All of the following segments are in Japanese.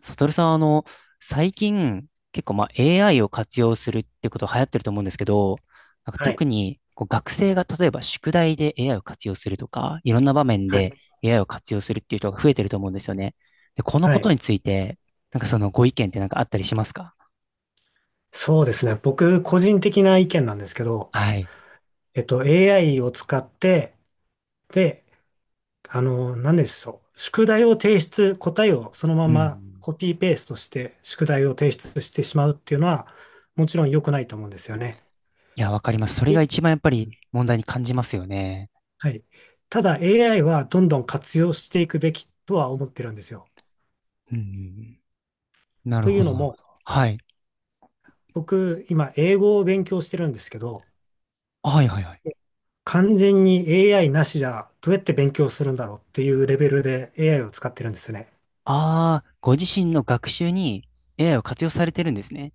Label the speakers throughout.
Speaker 1: サトルさん、最近、結構、AI を活用するってこと流行ってると思うんですけど、
Speaker 2: はい。
Speaker 1: 特に学生が例えば宿題で AI を活用するとか、いろんな場面
Speaker 2: はい。
Speaker 1: で AI を活用するっていう人が増えてると思うんですよね。で、この
Speaker 2: は
Speaker 1: こ
Speaker 2: い。
Speaker 1: とについて、そのご意見ってあったりしますか？
Speaker 2: そうですね。僕、個人的な意見なんですけど、
Speaker 1: はい。
Speaker 2: AI を使って、で、何でしょう。宿題を提出、答えをそのま
Speaker 1: う
Speaker 2: ま
Speaker 1: ん。
Speaker 2: コピーペーストして、宿題を提出してしまうっていうのは、もちろん良くないと思うんですよね。
Speaker 1: いや、わかります。それが
Speaker 2: え
Speaker 1: 一番やっぱり問題に感じますよね。
Speaker 2: はい。ただ、AI はどんどん活用していくべきとは思ってるんですよ。
Speaker 1: うん。なる
Speaker 2: とい
Speaker 1: ほ
Speaker 2: う
Speaker 1: ど、
Speaker 2: の
Speaker 1: なるほ
Speaker 2: も、
Speaker 1: ど。はい。
Speaker 2: 僕、今、英語を勉強してるんですけど、
Speaker 1: はいはいはい。
Speaker 2: 完全に AI なしじゃどうやって勉強するんだろうっていうレベルで AI を使ってるんですよね。
Speaker 1: ああ、ご自身の学習に AI を活用されてるんですね。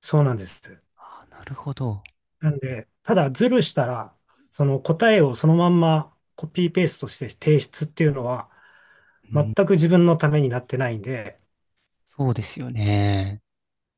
Speaker 2: そうなんです。
Speaker 1: あー、なるほど。
Speaker 2: なんで、ただズルしたら、その答えをそのまんまコピーペーストして提出っていうのは、
Speaker 1: う
Speaker 2: 全
Speaker 1: ん、
Speaker 2: く自分のためになってないんで、
Speaker 1: そうですよね。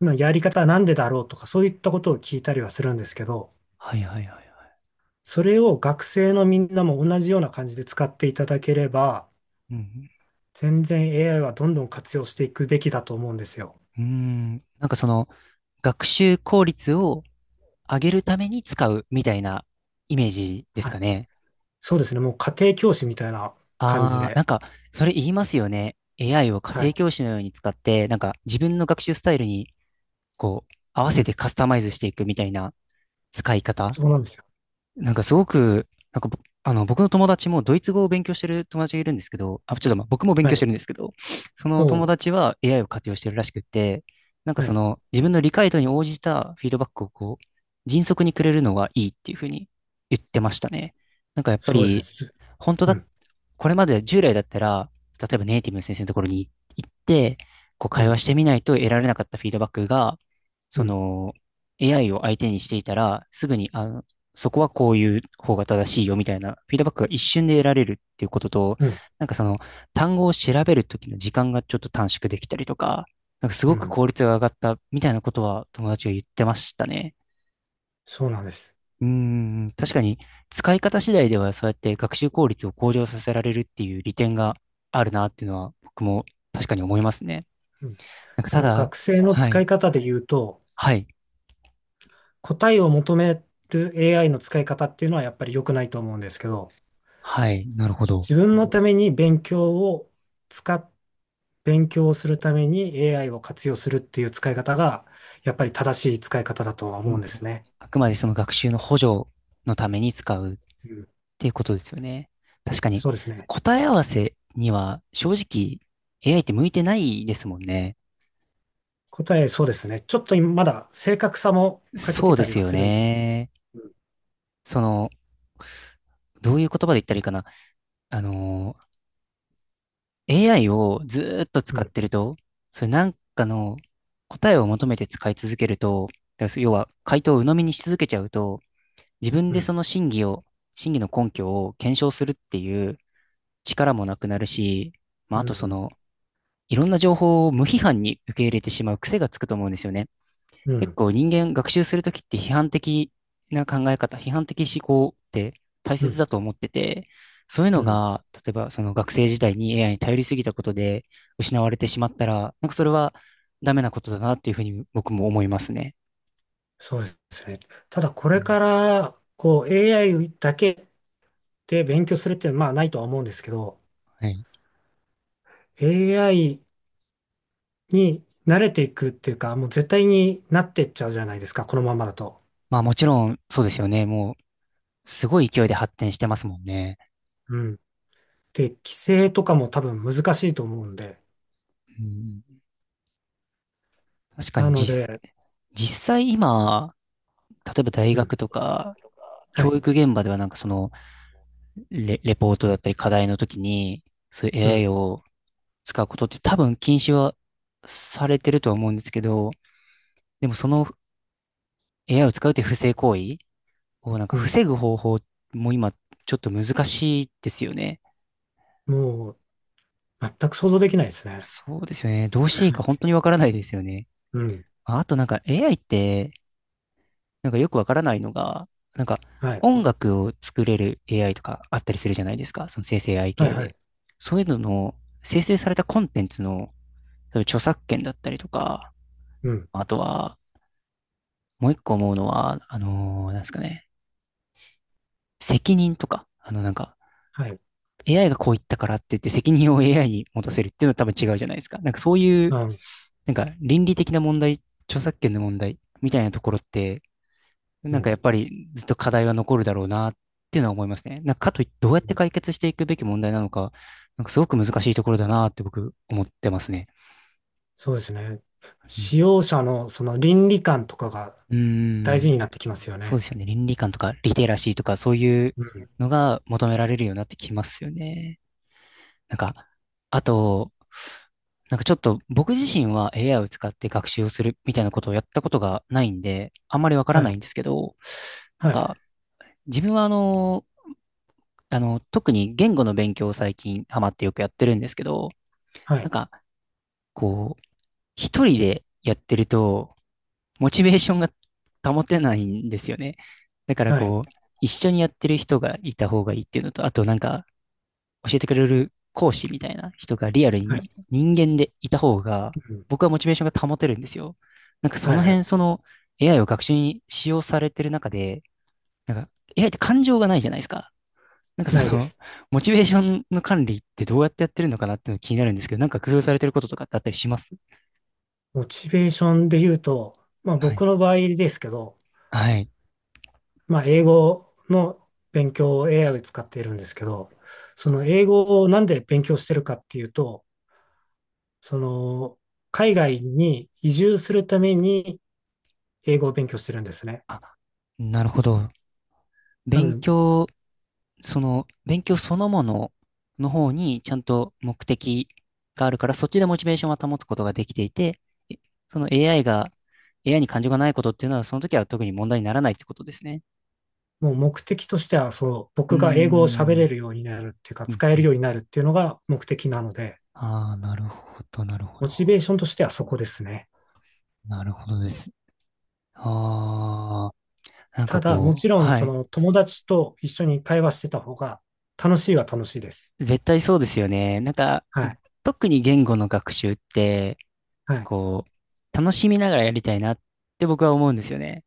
Speaker 2: まあやり方はなんでだろうとかそういったことを聞いたりはするんですけど、
Speaker 1: はいはいはいはい。
Speaker 2: それを学生のみんなも同じような感じで使っていただければ、
Speaker 1: うん、
Speaker 2: 全然 AI はどんどん活用していくべきだと思うんですよ。
Speaker 1: うん、その学習効率を上げるために使うみたいなイメージです
Speaker 2: は
Speaker 1: か
Speaker 2: い。
Speaker 1: ね。
Speaker 2: そうですね。もう家庭教師みたいな感じ
Speaker 1: ああ、
Speaker 2: で。
Speaker 1: それ言いますよね。AI を家
Speaker 2: はい。
Speaker 1: 庭教師のように使って、自分の学習スタイルに合わ
Speaker 2: う
Speaker 1: せ
Speaker 2: ん。
Speaker 1: てカスタマイズしていくみたいな使い方。
Speaker 2: そうなんですよ。
Speaker 1: なんかすごく、なんかぼあの僕の友達もドイツ語を勉強してる友達がいるんですけど、あ、ちょっと僕も勉
Speaker 2: は
Speaker 1: 強し
Speaker 2: い。
Speaker 1: てるんですけど、その
Speaker 2: お
Speaker 1: 友
Speaker 2: う。
Speaker 1: 達は AI を活用してるらしくって、
Speaker 2: は
Speaker 1: そ
Speaker 2: い。
Speaker 1: の自分の理解度に応じたフィードバックを迅速にくれるのがいいっていうふうに言ってましたね。やっぱ
Speaker 2: そうですね。
Speaker 1: り、本当
Speaker 2: う
Speaker 1: だっ
Speaker 2: ん。
Speaker 1: これまで従来だったら、例えばネイティブの先生のところに行って、
Speaker 2: う
Speaker 1: 会
Speaker 2: ん。
Speaker 1: 話してみないと得られなかったフィードバックが、
Speaker 2: う
Speaker 1: そ
Speaker 2: ん。
Speaker 1: の AI を相手にしていたら、すぐに、そこはこういう方が正しいよみたいなフィードバックが一瞬で得られるっていうことと、
Speaker 2: うん。
Speaker 1: その単語を調べるときの時間がちょっと短縮できたりとか、す
Speaker 2: う
Speaker 1: ごく
Speaker 2: ん。
Speaker 1: 効率が上がったみたいなことは友達が言ってましたね。
Speaker 2: そうなんです。
Speaker 1: うーん、確かに使い方次第ではそうやって学習効率を向上させられるっていう利点があるなっていうのは僕も確かに思いますね。
Speaker 2: うん。そ
Speaker 1: た
Speaker 2: の
Speaker 1: だ、
Speaker 2: 学生の
Speaker 1: は
Speaker 2: 使
Speaker 1: い、
Speaker 2: い方で言うと、
Speaker 1: はい、
Speaker 2: 答えを求める AI の使い方っていうのはやっぱり良くないと思うんですけど、
Speaker 1: はい、なるほど。
Speaker 2: 自分のために使っ、勉強をするために AI を活用するっていう使い方が、やっぱり正しい使い方だとは
Speaker 1: うん
Speaker 2: 思
Speaker 1: う
Speaker 2: うんです
Speaker 1: ん、
Speaker 2: ね。
Speaker 1: あくまでその学習の補助のために使うっ
Speaker 2: うん。
Speaker 1: ていうことですよね。確かに
Speaker 2: そうですね。
Speaker 1: 答え合わせには正直 AI って向いてないですもんね。
Speaker 2: そうですね。ちょっと今まだ正確さも欠け
Speaker 1: そ
Speaker 2: て
Speaker 1: う
Speaker 2: た
Speaker 1: で
Speaker 2: り
Speaker 1: す
Speaker 2: は
Speaker 1: よ
Speaker 2: するんで。
Speaker 1: ね。
Speaker 2: うん、
Speaker 1: その、どういう言葉で言ったらいいかな。あのー AI をずーっと
Speaker 2: う
Speaker 1: 使っ
Speaker 2: ん、
Speaker 1: てると、それなんかの答えを求めて使い続けると、だから要は回答を鵜呑みにし続けちゃうと、自分
Speaker 2: う
Speaker 1: でそ
Speaker 2: ん、
Speaker 1: の真偽の根拠を検証するっていう力もなくなるし、
Speaker 2: う
Speaker 1: あと
Speaker 2: ん、
Speaker 1: いろんな情報を無批判に受け入れてしまう癖がつくと思うんですよね。結構人間学習するときって批判的思考って大
Speaker 2: う
Speaker 1: 切
Speaker 2: ん、
Speaker 1: だと思ってて、そういう
Speaker 2: う
Speaker 1: の
Speaker 2: ん。
Speaker 1: が、例えばその学生時代に AI に頼りすぎたことで失われてしまったら、それはダメなことだなっていうふうに僕も思いますね。
Speaker 2: そうですね。ただこ
Speaker 1: う
Speaker 2: れか
Speaker 1: ん、
Speaker 2: ら、こう AI だけで勉強するっていうのはまあないとは思うんですけど、
Speaker 1: はい。
Speaker 2: AI に慣れていくっていうか、もう絶対になってっちゃうじゃないですか、このままだと。
Speaker 1: まあもちろんそうですよね。もうすごい勢いで発展してますもんね。
Speaker 2: うん。で、規制とかも多分難しいと思うんで。
Speaker 1: うん、確か
Speaker 2: な
Speaker 1: に
Speaker 2: ので、
Speaker 1: 実際今、例えば大
Speaker 2: うん。
Speaker 1: 学とか
Speaker 2: は
Speaker 1: 教
Speaker 2: い。
Speaker 1: 育現場ではそのレポートだったり課題の時に、そういう
Speaker 2: う
Speaker 1: AI
Speaker 2: ん。
Speaker 1: を使うことって多分禁止はされてるとは思うんですけど、でもその AI を使うっていう不正行為を
Speaker 2: うん。
Speaker 1: 防ぐ方法も今ちょっと難しいですよね。
Speaker 2: もう、全く想像できないですね。
Speaker 1: そうですよね。どうしていいか本当にわからないですよね。
Speaker 2: うん。
Speaker 1: あとAI ってよくわからないのが、なんか
Speaker 2: はい。
Speaker 1: 音楽を作れる AI とかあったりするじゃないですか。その生成 AI
Speaker 2: はい
Speaker 1: 系
Speaker 2: は
Speaker 1: で。
Speaker 2: い。
Speaker 1: そういうのの生成されたコンテンツのそういう著作権だったりとか、
Speaker 2: うん。
Speaker 1: あとは、もう一個思うのは、なんですかね、責任とか、
Speaker 2: はい。
Speaker 1: AI がこう言ったからって言って責任を AI に持たせるっていうのは多分違うじゃないですか。なんかそういう、
Speaker 2: うん。
Speaker 1: 倫理的な問題、著作権の問題みたいなところって、
Speaker 2: うん。
Speaker 1: やっぱりずっと課題は残るだろうなっていうのは思いますね。かといってどうや
Speaker 2: う
Speaker 1: って
Speaker 2: ん。
Speaker 1: 解決していくべき問題なのか、すごく難しいところだなって僕思ってますね。
Speaker 2: そうですね。
Speaker 1: うん。
Speaker 2: 使用者のその倫理観とかが
Speaker 1: うー
Speaker 2: 大事
Speaker 1: ん、
Speaker 2: になってきますよ
Speaker 1: そう
Speaker 2: ね。
Speaker 1: ですよね。倫理観とかリテラシーとかそういう
Speaker 2: うん。
Speaker 1: のが求められるようになってきますよね。なんか、あと、ちょっと僕自身は AI を使って学習をするみたいなことをやったことがないんで、あんまりわから
Speaker 2: は
Speaker 1: な
Speaker 2: い。
Speaker 1: いんですけど、なん
Speaker 2: はい。
Speaker 1: か自分は特に言語の勉強を最近ハマってよくやってるんですけど、
Speaker 2: は
Speaker 1: なん
Speaker 2: い。
Speaker 1: かこう、一人でやってると、モチベーションが保てないんですよね。だから
Speaker 2: はい。
Speaker 1: 一緒にやってる人がいた方がいいっていうのと、あと教えてくれる講師みたいな人がリアル
Speaker 2: はい。
Speaker 1: に人間でいた方が、
Speaker 2: うん。
Speaker 1: 僕はモチベーションが保てるんですよ。そ
Speaker 2: はい
Speaker 1: の
Speaker 2: は
Speaker 1: 辺、そ
Speaker 2: い。
Speaker 1: の AI を学習に使用されてる中で、なんか AI って感情がないじゃないですか。なんかそ
Speaker 2: ないで
Speaker 1: の、
Speaker 2: す。
Speaker 1: モチベーションの管理ってどうやってやってるのかなっていうのが気になるんですけど、工夫されてることとかってあったりします
Speaker 2: モチベーションで言うと、まあ
Speaker 1: は
Speaker 2: 僕
Speaker 1: い。
Speaker 2: の場合ですけど、
Speaker 1: はい。
Speaker 2: まあ英語の勉強を AI を使っているんですけど、そ
Speaker 1: は
Speaker 2: の
Speaker 1: い。
Speaker 2: 英語をなんで勉強してるかっていうと、その海外に移住するために英語を勉強してるんですね。
Speaker 1: あ、なるほど。
Speaker 2: なの
Speaker 1: 勉
Speaker 2: で、
Speaker 1: 強、勉強そのものの方にちゃんと目的があるから、そっちでモチベーションは保つことができていて、えその AI が、AI に感情がないことっていうのは、その時は特に問題にならないってことですね。
Speaker 2: もう目的としては、その
Speaker 1: うー
Speaker 2: 僕が英語を喋れ
Speaker 1: ん。
Speaker 2: るようになるっていうか、
Speaker 1: うん
Speaker 2: 使え
Speaker 1: う
Speaker 2: る
Speaker 1: ん。
Speaker 2: ようになるっていうのが目的なので、
Speaker 1: ああ、なるほど、なるほ
Speaker 2: モチ
Speaker 1: ど。
Speaker 2: ベーションとしてはそこですね。
Speaker 1: なるほどです。ああ、
Speaker 2: ただ、もちろん、
Speaker 1: は
Speaker 2: そ
Speaker 1: い。
Speaker 2: の友達と一緒に会話してた方が楽しいは楽しいです。
Speaker 1: 絶対そうですよね。
Speaker 2: はい。
Speaker 1: 特に言語の学習って、
Speaker 2: はい。い
Speaker 1: 楽しみながらやりたいなって僕は思うんですよね。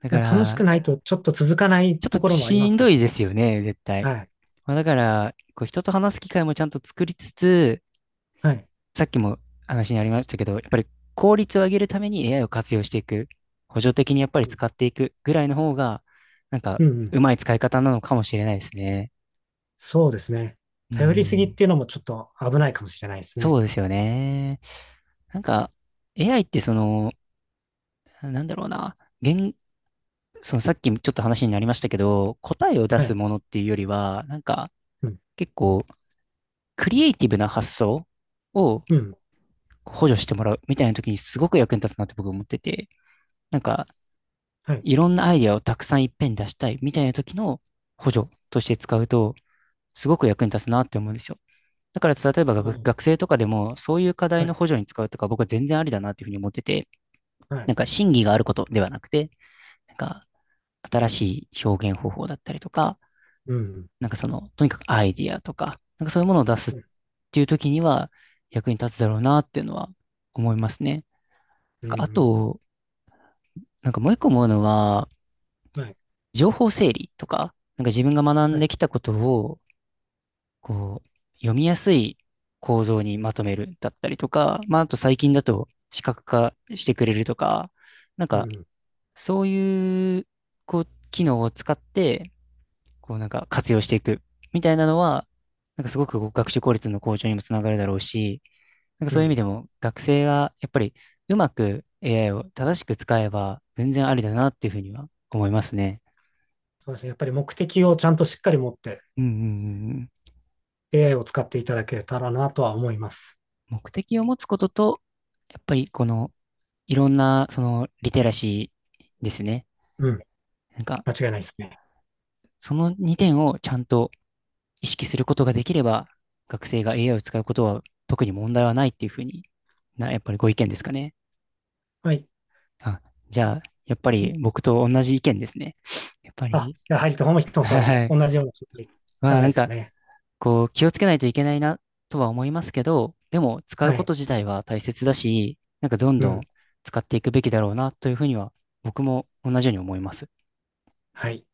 Speaker 1: だか
Speaker 2: や、楽しく
Speaker 1: ら、
Speaker 2: ないとちょっと続かない
Speaker 1: ちょっ
Speaker 2: とこ
Speaker 1: と
Speaker 2: ろもありま
Speaker 1: しん
Speaker 2: すか
Speaker 1: ど
Speaker 2: ら
Speaker 1: い
Speaker 2: ね。
Speaker 1: ですよね、絶対。
Speaker 2: はい。
Speaker 1: だから、人と話す機会もちゃんと作りつつ、
Speaker 2: はい。
Speaker 1: さっきも話にありましたけど、やっぱり効率を上げるために AI を活用していく、補助的にやっぱり
Speaker 2: うん。
Speaker 1: 使っていくぐらいの方が、なんか、
Speaker 2: うんうん。
Speaker 1: うまい使い方なのかもしれないですね。
Speaker 2: そうですね。
Speaker 1: う
Speaker 2: 頼りすぎっ
Speaker 1: ん、
Speaker 2: ていうのもちょっと危ないかもしれないですね。
Speaker 1: そうですよね。なんか、AI ってなんだろうな、言、そのさっきもちょっと話になりましたけど、答えを出
Speaker 2: は
Speaker 1: す
Speaker 2: い。
Speaker 1: ものっていうよりは、
Speaker 2: うん。
Speaker 1: 結構クリエイティブな発想を
Speaker 2: うん。
Speaker 1: 補助してもらうみたいな時にすごく役に立つなって僕思ってて、なんか
Speaker 2: はい。
Speaker 1: いろんなアイディアをたくさんいっぺんに出したいみたいな時の補助として使うと、すごく役に立つなって思うんですよ。だから例えば
Speaker 2: お
Speaker 1: 学学
Speaker 2: ー。
Speaker 1: 生とかでもそういう課
Speaker 2: は
Speaker 1: 題の
Speaker 2: い。
Speaker 1: 補助に使うとか僕は全然ありだなっていうふうに思ってて、
Speaker 2: はい。
Speaker 1: 真偽があることではなくて、なんか新しい表現方法だったりとか、
Speaker 2: うん。
Speaker 1: とにかくアイディアとか、そういうものを出すっ
Speaker 2: うん。
Speaker 1: ていう時には役に立つだろうなっていうのは思いますね。
Speaker 2: うん。う
Speaker 1: あ
Speaker 2: ん。
Speaker 1: と、もう一個思うのは、
Speaker 2: はい。
Speaker 1: 情報整理とか、自分が学
Speaker 2: は
Speaker 1: ん
Speaker 2: い。
Speaker 1: できたことを、こう、読みやすい構造にまとめるだったりとか、まあ、あと最近だと視覚化してくれるとか、なん
Speaker 2: う
Speaker 1: か、
Speaker 2: ん。
Speaker 1: そういう、こう、機能を使って、活用していくみたいなのは、すごく学習効率の向上にもつながるだろうし、
Speaker 2: う
Speaker 1: そういう意味
Speaker 2: ん。
Speaker 1: でも学生がやっぱりうまく AI を正しく使えば全然ありだなっていうふうには思いますね。
Speaker 2: そうですね。やっぱり目的をちゃんとしっかり持って
Speaker 1: うんうんうんうん。
Speaker 2: AI を使っていただけたらなとは思います。
Speaker 1: 目的を持つことと、やっぱりこのいろんなそのリテラシーですね。
Speaker 2: うん。
Speaker 1: なんか
Speaker 2: 間違いないですね。
Speaker 1: その2点をちゃんと意識することができれば学生が AI を使うことは特に問題はないっていうふうにやっぱりご意見ですかね。
Speaker 2: はい。
Speaker 1: あ、じゃあやっぱり
Speaker 2: ん
Speaker 1: 僕と同じ意見ですね。やっぱ
Speaker 2: あ、
Speaker 1: り、
Speaker 2: やはり、ともひ とさん
Speaker 1: は
Speaker 2: も
Speaker 1: い。
Speaker 2: 同じような
Speaker 1: まあ
Speaker 2: 考え
Speaker 1: な
Speaker 2: で
Speaker 1: ん
Speaker 2: すよ
Speaker 1: か
Speaker 2: ね。
Speaker 1: 気をつけないといけないなとは思いますけど、でも使う
Speaker 2: は
Speaker 1: こ
Speaker 2: い。
Speaker 1: と自体は大切だし、どん
Speaker 2: う
Speaker 1: どん
Speaker 2: ん。
Speaker 1: 使っていくべきだろうなというふうには僕も同じように思います。
Speaker 2: はい。